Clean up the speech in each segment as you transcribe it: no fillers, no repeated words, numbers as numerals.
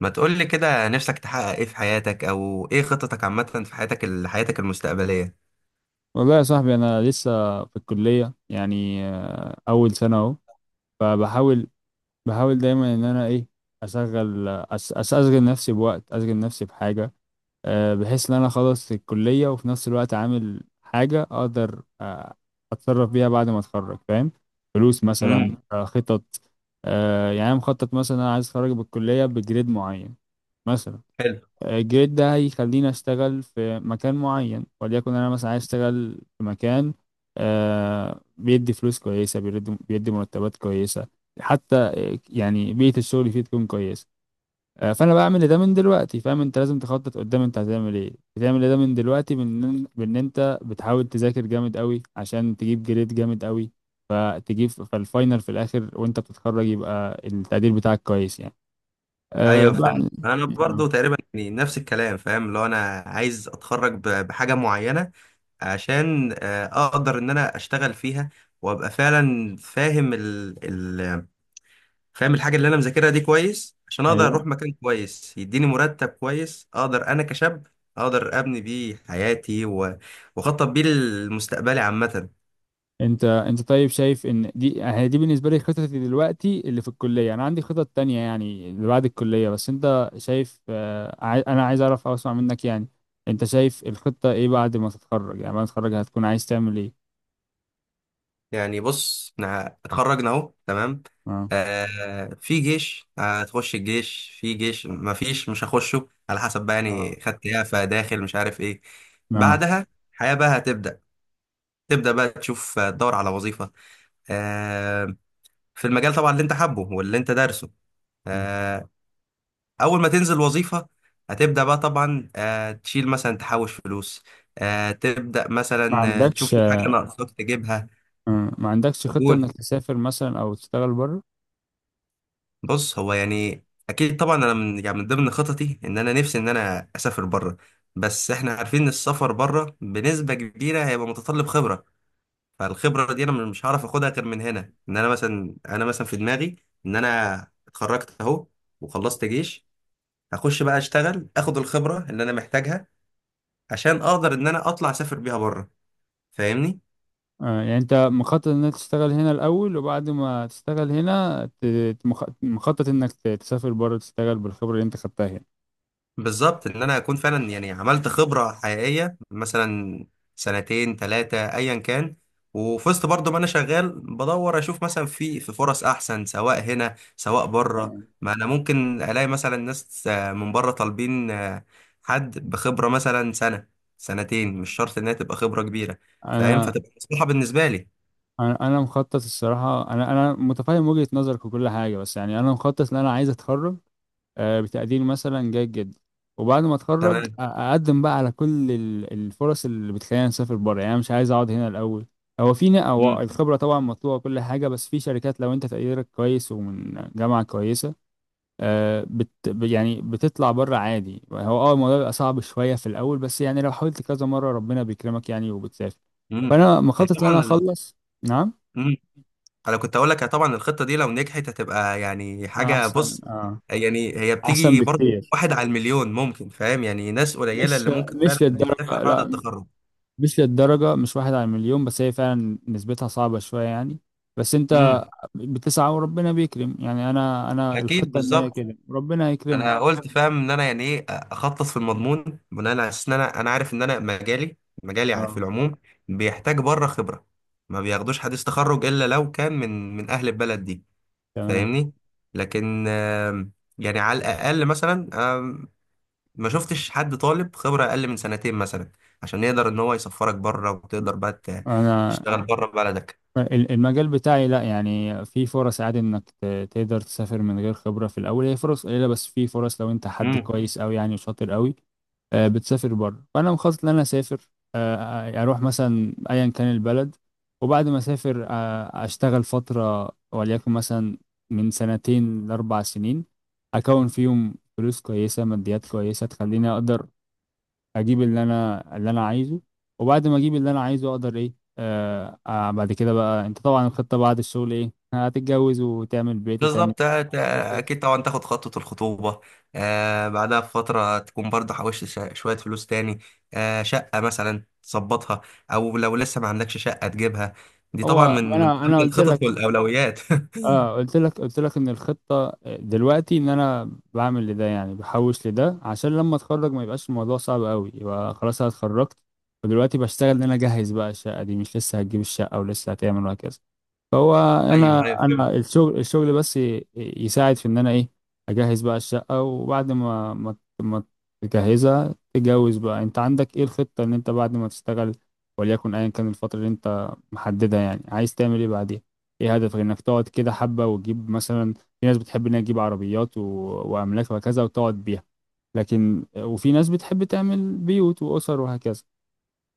ما تقول لي كده، نفسك تحقق ايه في حياتك او ايه خططك عامة في حياتك، حياتك المستقبلية؟ والله يا صاحبي انا لسه في الكليه، يعني اول سنه اهو. فبحاول بحاول دايما ان انا ايه اشغل اشغل نفسي بوقت، اشغل نفسي بحاجه، بحيث ان انا خلصت الكليه وفي نفس الوقت عامل حاجه اقدر اتصرف بيها بعد ما اتخرج، فاهم؟ فلوس امم. مثلا، خطط. يعني أنا مخطط، مثلا انا عايز اتخرج بالكليه بجريد معين مثلا. حلو. الجريد ده هيخليني اشتغل في مكان معين، وليكن انا مثلا عايز اشتغل في مكان بيدي فلوس كويسه، بيدي مرتبات كويسه، حتى يعني بيئه الشغل فيه تكون كويسه. فانا بعمل ده من دلوقتي. فاهم؟ انت لازم تخطط قدام انت هتعمل ايه، بتعمل ده من دلوقتي، بان انت بتحاول تذاكر جامد قوي عشان تجيب جريد جامد قوي، فتجيب فالفاينل في الاخر وانت بتتخرج يبقى التقدير بتاعك كويس يعني. ايوه، فهمت. بقى انا آه، برضو تقريبا يعني نفس الكلام، فاهم، لو انا عايز اتخرج بحاجة معينة، عشان اقدر ان انا اشتغل فيها، وابقى فعلا فاهم ال... فاهم الحاجة اللي انا مذاكرها دي كويس، عشان اقدر ايوه. اروح مكان كويس يديني مرتب كويس، اقدر انا كشاب اقدر ابني بيه حياتي واخطط بيه لمستقبلي عامة. انت طيب، شايف ان دي هي دي بالنسبه لي خطتي دلوقتي اللي في الكليه. انا عندي خطط تانية يعني اللي بعد الكليه، بس انت شايف انا عايز اعرف او اسمع منك يعني، انت شايف الخطه ايه بعد ما تتخرج؟ يعني بعد ما تتخرج هتكون عايز تعمل ايه؟ يعني بص، احنا اتخرجنا اهو، تمام. اه، في جيش هتخش الجيش، في جيش ما فيش مش هخشه، على حسب بقى اه، يعني خدت ايه فداخل مش عارف ايه. اه. بعدها الحياة بقى تبدأ بقى تشوف، تدور على وظيفة. آه في المجال طبعا اللي انت حابه واللي انت دارسه. آه اول ما تنزل وظيفة هتبدأ بقى طبعا، تشيل مثلا، تحوش فلوس. تبدأ ما مثلا، تشوف عندكش في حاجة ناقصاك تجيبها. ما عندكش خطه قول. انك تسافر مثلا او تشتغل بره؟ بص، هو يعني اكيد طبعا، انا من يعني من ضمن خططي ان انا نفسي ان انا اسافر بره. بس احنا عارفين ان السفر بره بنسبه كبيره هيبقى متطلب خبره، فالخبره دي انا مش هعرف اخدها غير من هنا، ان انا مثلا في دماغي ان انا اتخرجت اهو وخلصت جيش، هخش بقى اشتغل اخد الخبره اللي انا محتاجها عشان اقدر ان انا اطلع اسافر بيها بره، فاهمني. يعني انت مخطط انك تشتغل هنا الاول، وبعد ما تشتغل هنا مخطط انك تسافر بره تشتغل بالخبره اللي انت خدتها بالظبط، ان انا اكون فعلا يعني عملت خبره حقيقيه، مثلا سنتين ثلاثه ايا كان، وفي وسط برضه ما انا شغال بدور اشوف مثلا في فرص احسن سواء هنا سواء بره. ما انا ممكن الاقي مثلا ناس، من بره طالبين، حد بخبره مثلا سنه سنتين، هنا. مش شرط انها تبقى خبره كبيره، فاهم، انا فتبقى مصلحه بالنسبه لي. انا أنا مخطط الصراحه، انا متفهم وجهه نظرك وكل حاجه، بس يعني انا مخطط ان انا عايز اتخرج بتقدير مثلا جيد جدا، وبعد ما اتخرج تمام. اقدم بقى على كل الفرص اللي بتخليني اسافر بره. يعني أنا مش عايز اقعد هنا الاول. هو امم. الخبره طبعا مطلوبه وكل حاجه، بس في شركات لو انت تقديرك كويس ومن جامعه كويسه يعني بتطلع بره عادي. هو اه الموضوع بيبقى صعب شوية في الأول، بس يعني لو حاولت كذا مرة ربنا بيكرمك يعني، وبتسافر. امم. فأنا مخطط إن أنا طبعا، أخلص. نعم. انا كنت اقول لك، طبعا الخطه دي لو نجحت هتبقى يعني حاجه، أحسن بص يعني هي أحسن بتيجي برضو بكتير. واحد على المليون، ممكن، فاهم، يعني ناس قليله مش اللي ممكن مش فعلا بتسافر للدرجة بعد لا، التخرج. مش للدرجة مش واحد على المليون، بس هي فعلا نسبتها صعبة شوية يعني، بس أنت امم. بتسعى وربنا بيكرم يعني. أنا اكيد، الخطة إن هي بالظبط. كده ربنا يكرمك. انا قلت، فاهم، ان انا يعني ايه اخطط في المضمون بناء على اساس ان انا عارف ان انا مجالي مجالي في اه. العموم بيحتاج بره خبره، ما بياخدوش حديث تخرج الا لو كان من اهل البلد دي، تمام. فاهمني. لكن يعني على الاقل مثلا، ما شفتش حد طالب خبرة أقل من سنتين مثلا عشان يقدر إن هو يسفرك بره وتقدر بقى أنا تشتغل، فاهم، بره بلدك. المجال بتاعي لا، يعني في فرص عادي انك تقدر تسافر من غير خبرة في الاول. هي فرص قليلة بس في فرص، لو انت حد امم. كويس قوي يعني وشاطر قوي بتسافر بره. فانا مخطط ان انا اسافر، اروح مثلا ايا كان البلد. وبعد ما اسافر اشتغل فتره وليكن مثلا من 2 سنين لاربع سنين، اكون فيهم فلوس كويسه، ماديات كويسه تخليني اقدر اجيب اللي انا عايزه. وبعد ما اجيب اللي انا عايزه اقدر ايه؟ بعد كده بقى، انت طبعا الخطة بعد الشغل ايه؟ هتتجوز وتعمل بيت وتعمل. بالظبط. أكيد طبعا تاخد خطوة الخطوبة. بعدها بفترة تكون برضه حوشت شوية فلوس تاني، شقة مثلا تظبطها، أو لو لسه ما عندكش شقة تجيبها. دي طبعا هو ما من انا ضمن قلت الخطط لك. والأولويات. اه، قلت لك ان الخطة دلوقتي ان انا بعمل لده، يعني بحوش لده عشان لما اتخرج ما يبقاش الموضوع صعب قوي، يبقى خلاص انا اتخرجت ودلوقتي بشتغل ان انا اجهز بقى الشقة دي، مش لسه هتجيب الشقة ولسه هتعمل وهكذا. فهو انا أيوه، أيوه، انا فهمت. الشغل بس يساعد في ان انا ايه اجهز بقى الشقه، وبعد ما تجهزها تتجوز. بقى انت عندك ايه الخطه ان انت بعد ما تشتغل، وليكن ايا كان الفتره اللي انت محددها، يعني عايز تعمل ايه بعديها؟ ايه هدفك؟ انك تقعد كده حبه وتجيب، مثلا في ناس بتحب انها تجيب عربيات و... واملاك وهكذا وتقعد بيها، لكن وفي ناس بتحب تعمل بيوت واسر وهكذا.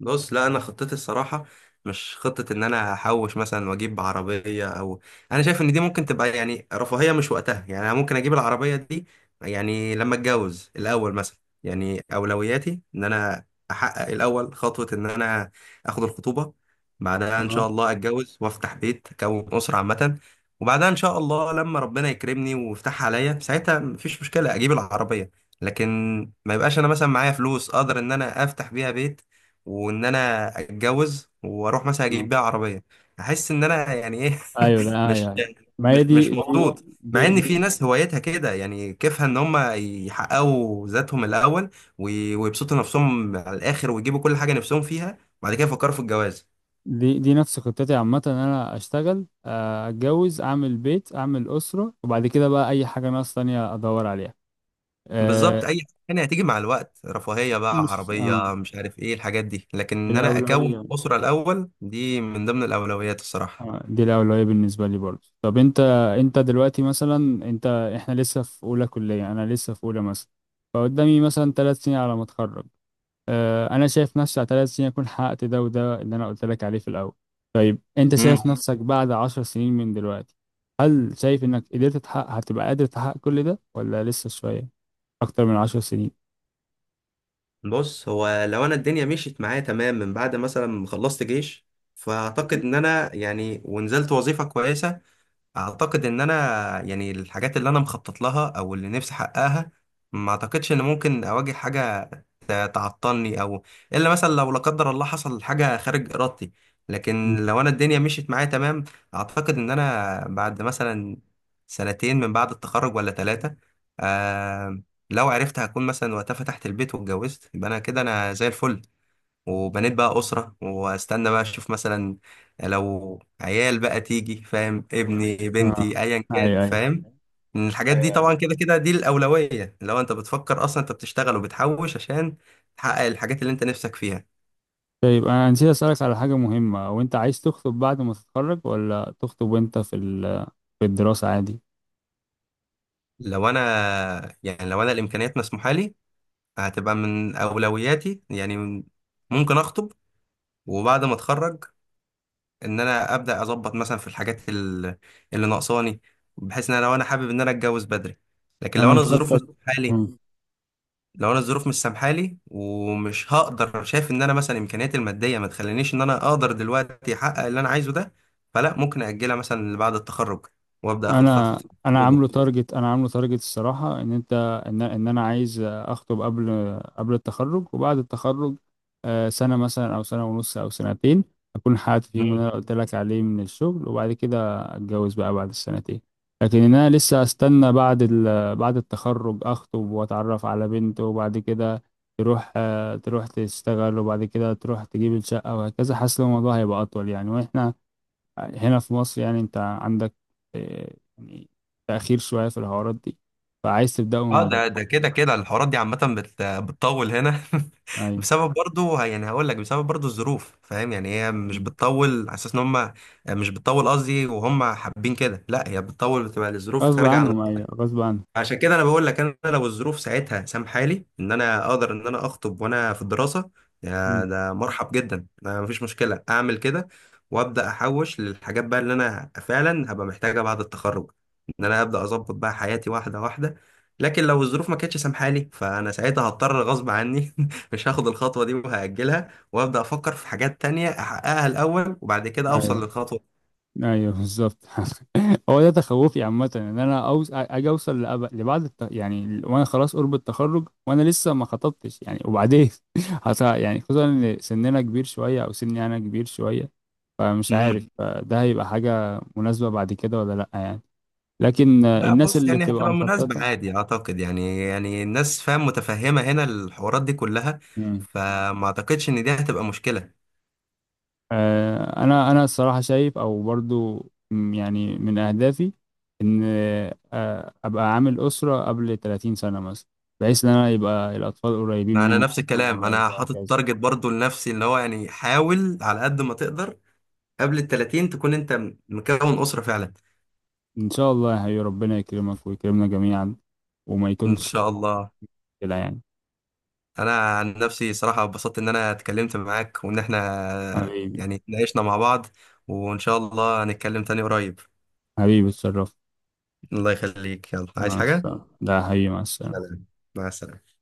بص، لا، انا خطتي الصراحه مش خطه ان انا هحوش مثلا واجيب عربيه او، انا شايف ان دي ممكن تبقى يعني رفاهيه مش وقتها، يعني انا ممكن اجيب العربيه دي يعني لما اتجوز الاول مثلا. يعني اولوياتي ان انا احقق الاول خطوه، ان انا اخد الخطوبه، بعدها ان تمام؟ شاء الله اتجوز وافتح بيت اكون اسره عامه، وبعدها ان شاء الله لما ربنا يكرمني ويفتحها عليا، ساعتها مفيش مشكله اجيب العربيه. لكن ما يبقاش انا مثلا معايا فلوس اقدر ان انا افتح بيها بيت وان انا اتجوز واروح مثلا اه. اجيب بيها عربيه، احس ان انا يعني ايه. ايوه. ده مش ايوه، أيوة. ما مش هي مش دي، مبسوط. مع دي ان في دي ناس هوايتها كده، يعني كيفها ان هم يحققوا ذاتهم الاول، ويبسطوا نفسهم على الاخر ويجيبوا كل حاجه نفسهم فيها، وبعد كده يفكروا في الجواز. دي نفس خطتي عامة، ان انا اشتغل اتجوز، اعمل بيت اعمل اسرة، وبعد كده بقى اي حاجة ناقص تانية ادور عليها. آه، بالظبط، اي حاجه تانية هتيجي مع الوقت، رفاهيه بقى، مش عربيه، مش عارف ايه الحاجات دي، لكن ان انا اكون الاولوية. اسره الاول دي من ضمن الاولويات الصراحه. دي الاولوية بالنسبة لي برضه. طب انت، دلوقتي مثلا، انت احنا لسه في اولى كلية، انا لسه في اولى مثلا، فقدامي مثلا 3 سنين على ما اتخرج. انا شايف نفسي على 3 سنين اكون حققت ده، وده اللي انا قلت لك عليه في الاول. طيب انت شايف مم. نفسك بعد 10 سنين من دلوقتي؟ هل شايف انك قدرت تحقق، هتبقى قادر تحقق كل ده، ولا لسه شوية اكتر من 10 سنين؟ بص، هو لو انا الدنيا مشيت معايا تمام من بعد مثلا ما خلصت جيش، فاعتقد مم. ان انا يعني ونزلت وظيفة كويسة، اعتقد ان انا يعني الحاجات اللي انا مخطط لها او اللي نفسي احققها، ما اعتقدش ان ممكن اواجه حاجه تعطلني او، الا مثلا لو لا قدر الله حصل حاجه خارج ارادتي. لكن مم. لو انا الدنيا مشيت معايا تمام، اعتقد ان انا بعد مثلا سنتين من بعد التخرج ولا ثلاثه. آه لو عرفت هكون مثلا وقتها فتحت البيت واتجوزت، يبقى انا كده انا زي الفل، وبنيت بقى أسرة واستنى بقى اشوف مثلا لو عيال بقى تيجي، فاهم، ابني اه. بنتي ايا كان، ايوه، ايوه، فاهم. إن الحاجات دي ايوه. طبعا كده كده دي الأولوية، لو انت بتفكر اصلا انت بتشتغل وبتحوش عشان تحقق الحاجات اللي انت نفسك فيها. طيب، انا نسيت اسالك على حاجة مهمة. وانت عايز تخطب بعد ما تتخرج، ولا تخطب وانت في في الدراسة عادي؟ لو انا الامكانيات مسموحة لي، هتبقى من أولوياتي، يعني ممكن اخطب، وبعد ما اتخرج ان انا ابدا اظبط مثلا في الحاجات اللي ناقصاني، بحيث ان انا لو انا حابب ان انا اتجوز بدري. لكن انا مخطط. لو انا الظروف مش سامحالي ومش هقدر، شايف ان انا مثلا امكانياتي الماديه ما تخلينيش ان انا اقدر دلوقتي احقق اللي انا عايزه ده، فلا ممكن اجلها مثلا لبعد التخرج وابدا اخد خطوه الخطوبه. انا عامله تارجت الصراحه، ان انت، ان ان انا عايز اخطب قبل التخرج، وبعد التخرج سنه مثلا او سنه ونص او سنتين اكون حققت فيهم اللي انا قلت لك عليه من الشغل، وبعد كده اتجوز بقى بعد ال2 سنين. لكن ان انا لسه استنى بعد بعد التخرج اخطب واتعرف على بنت، وبعد كده تروح تروح تشتغل، وبعد كده تروح تجيب الشقه وهكذا، حاسس إن الموضوع هيبقى اطول يعني. واحنا هنا في مصر، يعني انت عندك يعني تأخير شوية في الحوارات دي، فعايز تبدأه من اه، بدري. ده كده كده الحوارات دي عامة بتطول هنا. ايوه. بسبب برضو الظروف، فاهم، يعني هي مش مم. بتطول على اساس ان هم مش بتطول قصدي وهم حابين كده، لا، هي بتطول، بتبقى الظروف غصب خارجة عن. عنهم، ايوه، غصب عنهم. عشان كده انا بقول لك، انا لو الظروف ساعتها سامحالي ان انا اقدر ان انا اخطب وانا في الدراسه، يا مم. ده مرحب جدا ما مفيش مشكله اعمل كده، وابدا احوش للحاجات بقى اللي انا فعلا هبقى محتاجها بعد التخرج، ان انا ابدا اظبط بقى حياتي واحده واحده. لكن لو الظروف ما كانتش سامحالي فانا ساعتها هضطر غصب عني، مش هاخد الخطوه دي وهاجلها، وابدا افكر في حاجات تانية احققها الاول وبعد كده اوصل ايوه، للخطوه. ايوه، بالظبط. هو ده تخوفي عامة، ان انا اجي اوصل يعني وانا خلاص قرب التخرج وانا لسه ما خطبتش يعني، وبعدين يعني خصوصا ان سننا كبير شوية او سني انا كبير شوية، فمش عارف ده هيبقى حاجة مناسبة بعد كده ولا لأ يعني. لكن لا، الناس بص، اللي يعني تبقى هتبقى مناسبة مخططة. عادي أعتقد، يعني الناس، فاهم، متفهمة هنا الحوارات دي كلها، مم. فما أعتقدش إن دي هتبقى مشكلة. انا الصراحه شايف او برضو، يعني من اهدافي ان ابقى عامل اسره قبل 30 سنه مثلا، بحيث ان انا يبقى الاطفال قريبين ما أنا مني، نفس منهم الكلام، قريب أنا حاطط وهكذا. تارجت برضو لنفسي إن هو يعني حاول على قد ما تقدر، قبل ال 30 تكون أنت مكون أسرة فعلا. ان شاء الله، يا ربنا يكرمك ويكرمنا جميعا، وما إن يكونش شاء الله. كده يعني. أنا عن نفسي صراحة اتبسطت إن أنا اتكلمت معاك، وإن إحنا حبيبي. يعني اتناقشنا مع بعض، وإن شاء الله هنتكلم تاني قريب. حبيبي، اتشرفت. الله يخليك، يلا، عايز مع حاجة؟ السلامه، ده حقيقي، مع السلامه. سلام. مع السلامة.